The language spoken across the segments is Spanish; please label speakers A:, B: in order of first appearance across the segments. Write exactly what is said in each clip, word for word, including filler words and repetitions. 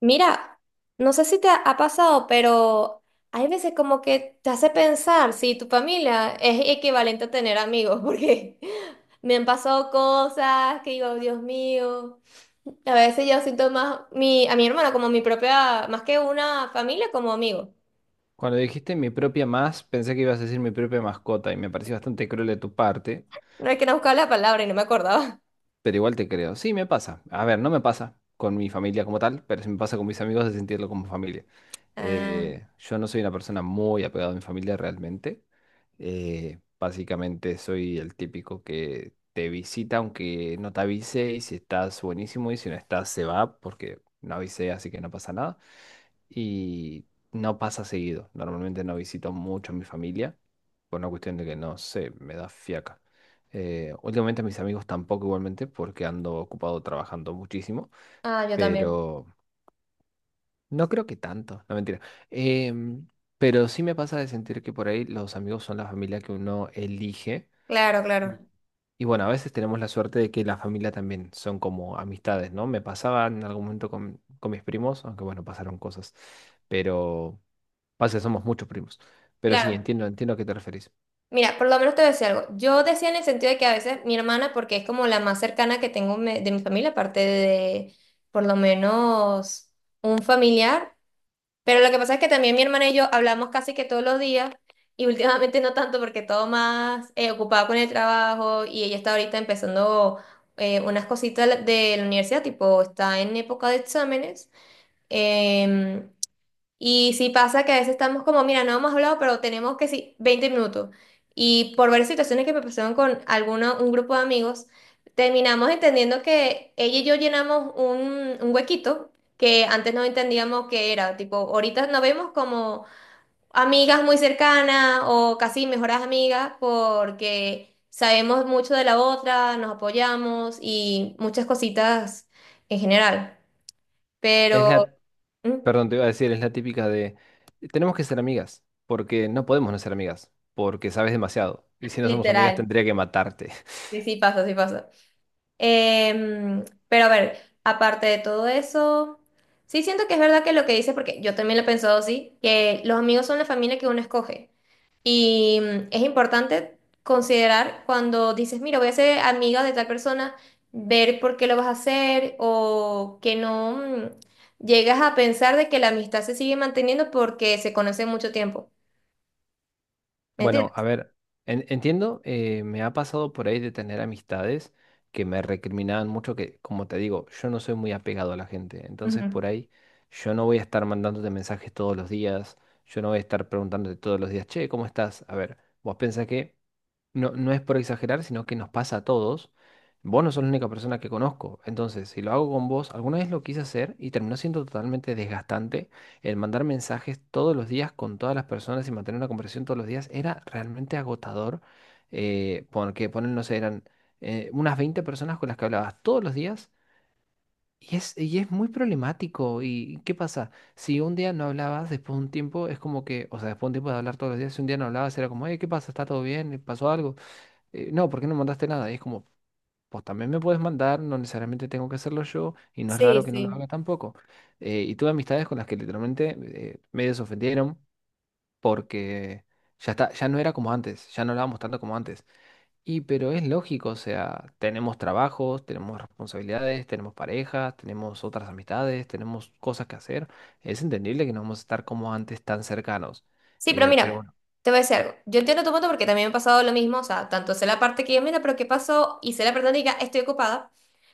A: Mira, no sé si te ha, ha pasado, pero hay veces como que te hace pensar si tu familia es equivalente a tener amigos, porque me han pasado cosas que digo, Dios mío. A veces yo siento más mi, a mi hermana como mi propia, más que una familia, como amigo.
B: Cuando dijiste mi propia más, pensé que ibas a decir mi propia mascota y me pareció bastante cruel de tu parte,
A: No hay que no buscar la palabra y no me acordaba.
B: pero igual te creo. Sí, me pasa. A ver, no me pasa con mi familia como tal, pero sí me pasa con mis amigos de sentirlo como familia.
A: Ah,
B: Eh, yo no soy una persona muy apegada a mi familia realmente. Eh, básicamente soy el típico que te visita aunque no te avise y si estás buenísimo y si no estás se va porque no avisé, así que no pasa nada y no pasa seguido. Normalmente no visito mucho a mi familia, por una cuestión de que no sé, me da fiaca. Eh, últimamente a mis amigos tampoco igualmente, porque ando ocupado trabajando muchísimo,
A: ah, yo también.
B: pero no creo que tanto, no mentira. Em, pero sí me pasa de sentir que por ahí los amigos son la familia que uno elige.
A: Claro,
B: Y
A: claro.
B: y bueno, a veces tenemos la suerte de que la familia también son como amistades, ¿no? Me pasaba en algún momento con, con mis primos, aunque bueno, pasaron cosas, pero... Pasa, que somos muchos primos. Pero sí,
A: Claro.
B: entiendo, entiendo a qué te referís.
A: Mira, por lo menos te voy a decir algo. Yo decía en el sentido de que a veces mi hermana, porque es como la más cercana que tengo me- de mi familia, aparte de por lo menos un familiar, pero lo que pasa es que también mi hermana y yo hablamos casi que todos los días y últimamente no tanto porque todo más eh, ocupado con el trabajo y ella está ahorita empezando eh, unas cositas de la de la universidad, tipo está en época de exámenes. em, y sí pasa que a veces estamos como, mira, no hemos hablado, pero tenemos que sí, veinte minutos. Y por varias situaciones que me pasaron con alguno, un grupo de amigos, terminamos entendiendo que ella y yo llenamos un, un huequito que antes no entendíamos que era. Tipo, ahorita nos vemos como amigas muy cercanas o casi mejoras amigas porque sabemos mucho de la otra, nos apoyamos y muchas cositas en general.
B: Es
A: Pero,
B: la,
A: mm,
B: Perdón, te iba a decir, es la típica de, tenemos que ser amigas, porque no podemos no ser amigas, porque sabes demasiado. Y si no somos amigas,
A: literal,
B: tendría que matarte.
A: sí, sí pasa, sí pasa. Em, pero a ver, aparte de todo eso, sí siento que es verdad que lo que dices, porque yo también lo he pensado así, que los amigos son la familia que uno escoge. Y mm, es importante considerar cuando dices, mira, voy a ser amiga de tal persona, ver por qué lo vas a hacer o que no mm, llegas a pensar de que la amistad se sigue manteniendo porque se conoce mucho tiempo. ¿Me
B: Bueno, a
A: entiendes?
B: ver, en- entiendo, eh, me ha pasado por ahí de tener amistades que me recriminaban mucho, que, como te digo, yo no soy muy apegado a la gente. Entonces,
A: Ujú.
B: por ahí, yo no voy a estar mandándote mensajes todos los días, yo no voy a estar preguntándote todos los días, che, ¿cómo estás? A ver, vos pensás que... no, no es por exagerar, sino que nos pasa a todos. Vos no sos la única persona que conozco. Entonces, si lo hago con vos, alguna vez lo quise hacer y terminó siendo totalmente desgastante. El mandar mensajes todos los días con todas las personas y mantener una conversación todos los días era realmente agotador. Eh, porque ponen, no sé, eran eh, unas veinte personas con las que hablabas todos los días. Y es, y es muy problemático. ¿Y qué pasa? Si un día no hablabas, después de un tiempo, es como que, o sea, después de un tiempo de hablar todos los días, si un día no hablabas, era como, hey, ¿qué pasa? ¿Está todo bien? ¿Pasó algo? Eh, no, ¿por qué no mandaste nada? Y es como, pues también me puedes mandar, no necesariamente tengo que hacerlo yo, y no es raro
A: Sí,
B: que no lo
A: sí.
B: haga tampoco. Eh, y tuve amistades con las que literalmente eh, medio se ofendieron porque ya está, ya no era como antes, ya no hablábamos tanto como antes. Y pero es lógico, o sea, tenemos trabajos, tenemos responsabilidades, tenemos parejas, tenemos otras amistades, tenemos cosas que hacer. Es entendible que no vamos a estar como antes tan cercanos.
A: Sí, pero
B: Eh, pero
A: mira,
B: bueno,
A: te voy a decir algo. Yo entiendo tu punto porque también me ha pasado lo mismo, o sea, tanto sé la parte que yo, mira, pero ¿qué pasó? Y sé la parte donde diga, estoy ocupada,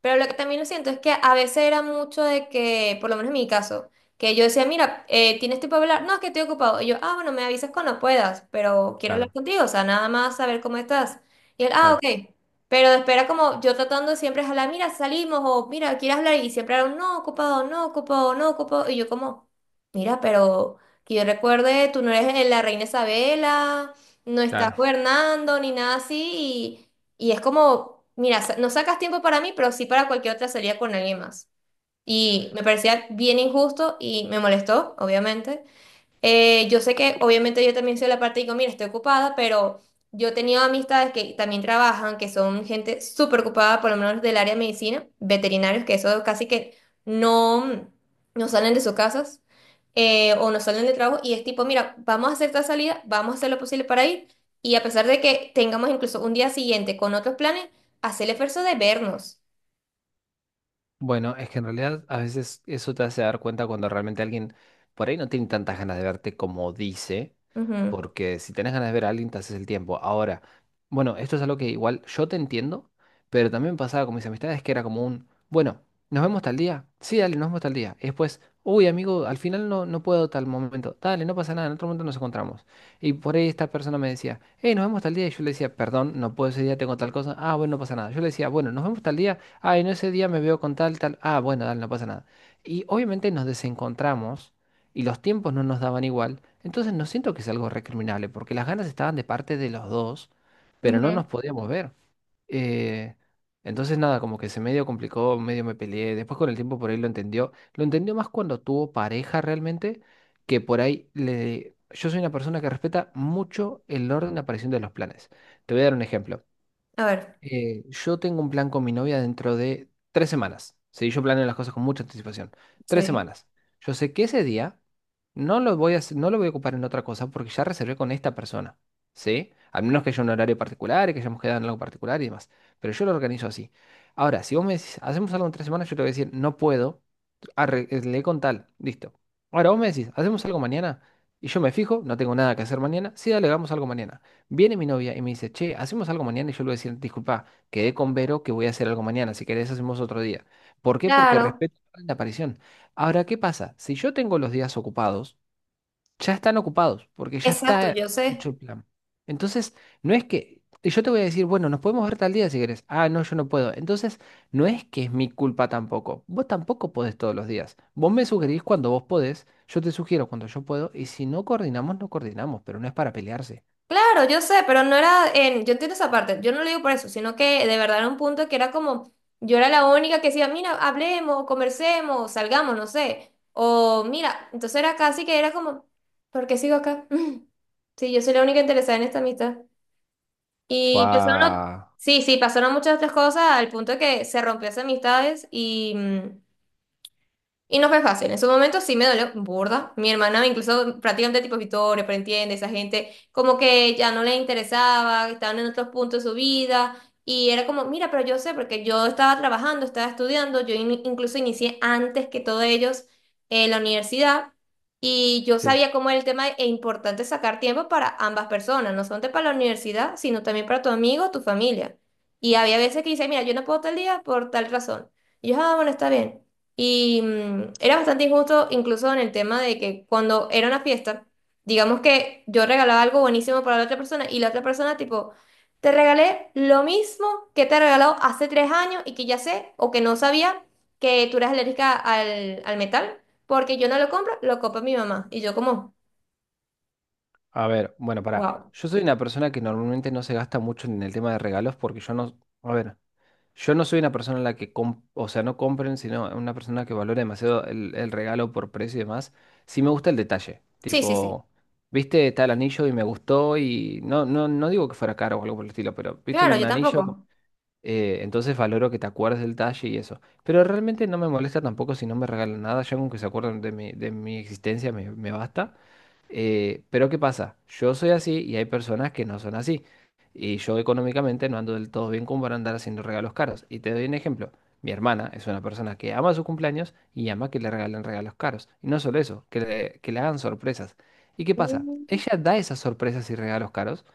A: pero lo que también lo siento es que a veces era mucho de que, por lo menos en mi caso, que yo decía, mira, eh, ¿tienes tiempo para hablar? No, es que estoy ocupado. Y yo, ah, bueno, me avisas cuando puedas, pero quiero hablar
B: claro,
A: contigo, o sea, nada más saber cómo estás. Y él, ah,
B: claro,
A: ok. Pero espera como yo tratando de siempre es hablar, mira, salimos, o mira, ¿quieres hablar? Y siempre era un no, ocupado, no, ocupado, no, ocupado. Y yo como, mira, pero que yo recuerde, tú no eres eh, la reina Isabela, no estás
B: claro.
A: gobernando, ni nada así, y es como, mira, sa- no sacas tiempo para mí, pero sí para cualquier otra salida con alguien más. Y me parecía bien injusto y me molestó, obviamente. Eh, yo sé que obviamente yo también soy la parte y digo, mira, estoy ocupada, pero yo he tenido amistades que también trabajan, que son gente súper ocupada, por lo menos del área de medicina, veterinarios, que eso casi que no, mm, no salen de sus casas eh, o no salen de trabajo y es tipo, mira, vamos a hacer esta salida, vamos a hacer lo posible para ir y a pesar de que tengamos incluso un día siguiente con otros planes, hacer el esfuerzo de vernos.
B: Bueno, es que en realidad a veces eso te hace dar cuenta cuando realmente alguien por ahí no tiene tantas ganas de verte como dice,
A: Ujú,
B: porque si tenés ganas de ver a alguien te haces el tiempo. Ahora, bueno, esto es algo que igual yo te entiendo, pero también pasaba con mis amistades que era como un, bueno, ¿nos vemos tal día? Sí, dale, nos vemos tal día. Y después, uy, amigo, al final no, no puedo tal momento. Dale, no pasa nada, en otro momento nos encontramos. Y por ahí esta persona me decía, hey, nos vemos tal día. Y yo le decía, perdón, no puedo ese día, tengo tal cosa. Ah, bueno, no pasa nada. Yo le decía, bueno, nos vemos tal día. Ay, en ese día me veo con tal, tal. Ah, bueno, dale, no pasa nada. Y obviamente nos desencontramos y los tiempos no nos daban igual. Entonces no siento que sea algo recriminable porque las ganas estaban de parte de los dos, pero no
A: ujú.
B: nos podíamos ver. Eh, entonces nada, como que se medio complicó, medio me peleé. Después con el tiempo por ahí lo entendió. Lo entendió más cuando tuvo pareja realmente, que por ahí le... Yo soy una persona que respeta mucho el orden de aparición de los planes. Te voy a dar un ejemplo.
A: A ver.
B: Eh, yo tengo un plan con mi novia dentro de tres semanas. Sí, yo planeo las cosas con mucha anticipación. Tres
A: Sí.
B: semanas. Yo sé que ese día no lo voy a, hacer- no lo voy a ocupar en otra cosa porque ya reservé con esta persona. ¿Sí? Al menos que haya un horario particular y que hayamos quedado en algo particular y demás. Pero yo lo organizo así. Ahora, si vos me decís, hacemos algo en tres semanas, yo te voy a decir, no puedo. Arreglé con tal. Listo. Ahora vos me decís, hacemos algo mañana. Y yo me fijo, no tengo nada que hacer mañana. Sí, dale, hagamos algo mañana. Viene mi novia y me dice, che, hacemos algo mañana. Y yo le voy a decir, disculpa, quedé con Vero que voy a hacer algo mañana. Si querés, hacemos otro día. ¿Por qué? Porque
A: Claro,
B: respeto la aparición. Ahora, ¿qué pasa? Si yo tengo los días ocupados, ya están ocupados, porque ya
A: exacto,
B: está
A: yo
B: hecho
A: sé.
B: el plan. Entonces, no es que y yo te voy a decir, bueno, nos podemos ver tal día si querés. Ah, no, yo no puedo. Entonces, no es que es mi culpa tampoco. Vos tampoco podés todos los días. Vos me sugerís cuando vos podés, yo te sugiero cuando yo puedo, y si no coordinamos, no coordinamos, pero no es para pelearse.
A: Claro, yo sé, pero no era en, yo entiendo esa parte, yo no lo digo por eso, sino que de verdad era un punto que era como, yo era la única que decía, mira, hablemos, conversemos, salgamos, no sé, o mira, entonces era casi que era como, ¿por qué sigo acá? Sí, yo soy la única interesada en esta amistad. Y pasaron, ot-
B: Fua.
A: sí, sí, pasaron muchas otras cosas al punto de que se rompió esas amistades y mm, y no fue fácil. En su momento sí me dolió burda. Mi hermana, incluso prácticamente tipo Vittorio, pero entiende, esa gente como que ya no le interesaba, estaban en otros puntos de su vida. Y era como, mira, pero yo sé, porque yo estaba trabajando, estaba estudiando, yo in- incluso inicié antes que todos ellos eh, la universidad. Y yo
B: Sí,
A: sabía cómo era el tema e importante sacar tiempo para ambas personas, no solamente para la universidad, sino también para tu amigo, tu familia. Y había veces que dice, mira, yo no puedo tal día por tal razón. Y yo, ah, bueno, está bien. Y mm, era bastante injusto incluso en el tema de que cuando era una fiesta, digamos que yo regalaba algo buenísimo para la otra persona y la otra persona tipo, te regalé lo mismo que te he regalado hace tres años y que ya sé o que no sabía que tú eras alérgica al, al metal, porque yo no lo compro, lo compra mi mamá. Y yo como,
B: a ver, bueno, para.
A: wow.
B: Yo soy una persona que normalmente no se gasta mucho en el tema de regalos porque yo no, a ver, yo no soy una persona en la que, com- o sea, no compren, sino una persona que valora demasiado el, el regalo por precio y demás. Sí me gusta el detalle,
A: Sí, sí, sí.
B: tipo, viste, está el anillo y me gustó y no, no, no digo que fuera caro o algo por el estilo, pero viste
A: Claro,
B: un
A: yo
B: anillo.
A: tampoco.
B: Eh, entonces valoro que te acuerdes del talle y eso. Pero realmente no me molesta tampoco si no me regalan nada. Ya con que se acuerden de mi, de mi existencia me, me basta. Eh, pero ¿qué pasa? Yo soy así y hay personas que no son así. Y yo económicamente no ando del todo bien como para andar haciendo regalos caros. Y te doy un ejemplo. Mi hermana es una persona que ama sus cumpleaños y ama que le regalen regalos caros. Y no solo eso, que le, que le hagan sorpresas. ¿Y qué pasa?
A: Mm.
B: Ella da esas sorpresas y regalos caros,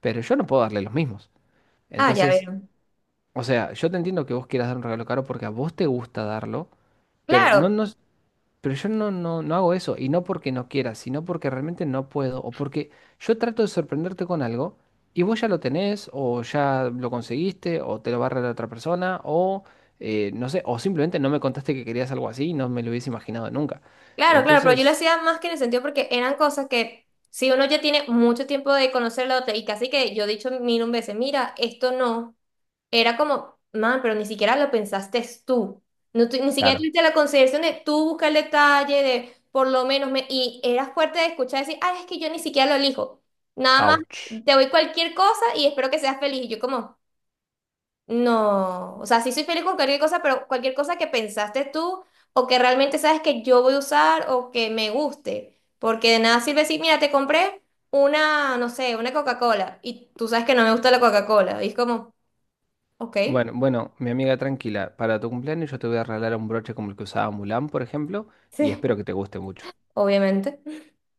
B: pero yo no puedo darle los mismos.
A: Ah, ya
B: Entonces...
A: veo.
B: O sea, yo te entiendo que vos quieras dar un regalo caro porque a vos te gusta darlo, pero no,
A: Claro,
B: no, pero yo no, no, no hago eso, y no porque no quiera, sino porque realmente no puedo, o porque yo trato de sorprenderte con algo, y vos ya lo tenés, o ya lo conseguiste, o te lo va a regalar otra persona, o eh, no sé, o simplemente no me contaste que querías algo así y no me lo hubiese imaginado nunca.
A: Claro, claro, pero yo lo
B: Entonces,
A: hacía más que en el sentido porque eran cosas que si uno ya tiene mucho tiempo de conocer la otra y casi que yo he dicho mil un veces, mira, esto no, era como, man, pero ni siquiera lo pensaste tú, no, tu- ni siquiera
B: claro,
A: tuviste la consideración de tú buscar el detalle, de por lo menos, me, y eras fuerte de escuchar decir, ay, es que yo ni siquiera lo elijo, nada más
B: ouch.
A: te doy cualquier cosa y espero que seas feliz, y yo como... No, o sea, sí soy feliz con cualquier cosa, pero cualquier cosa que pensaste tú o que realmente sabes que yo voy a usar o que me guste, porque de nada sirve decir, mira, te compré una, no sé, una Coca-Cola y tú sabes que no me gusta la Coca-Cola. Y es como, ok,
B: Bueno, bueno, mi amiga tranquila, para tu cumpleaños yo te voy a regalar un broche como el que usaba Mulan, por ejemplo, y
A: sí,
B: espero que te guste mucho.
A: obviamente.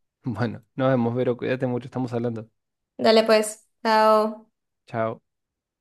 B: Bueno, nos vemos, Vero, cuídate mucho, estamos hablando.
A: Dale pues, chao.
B: Chao.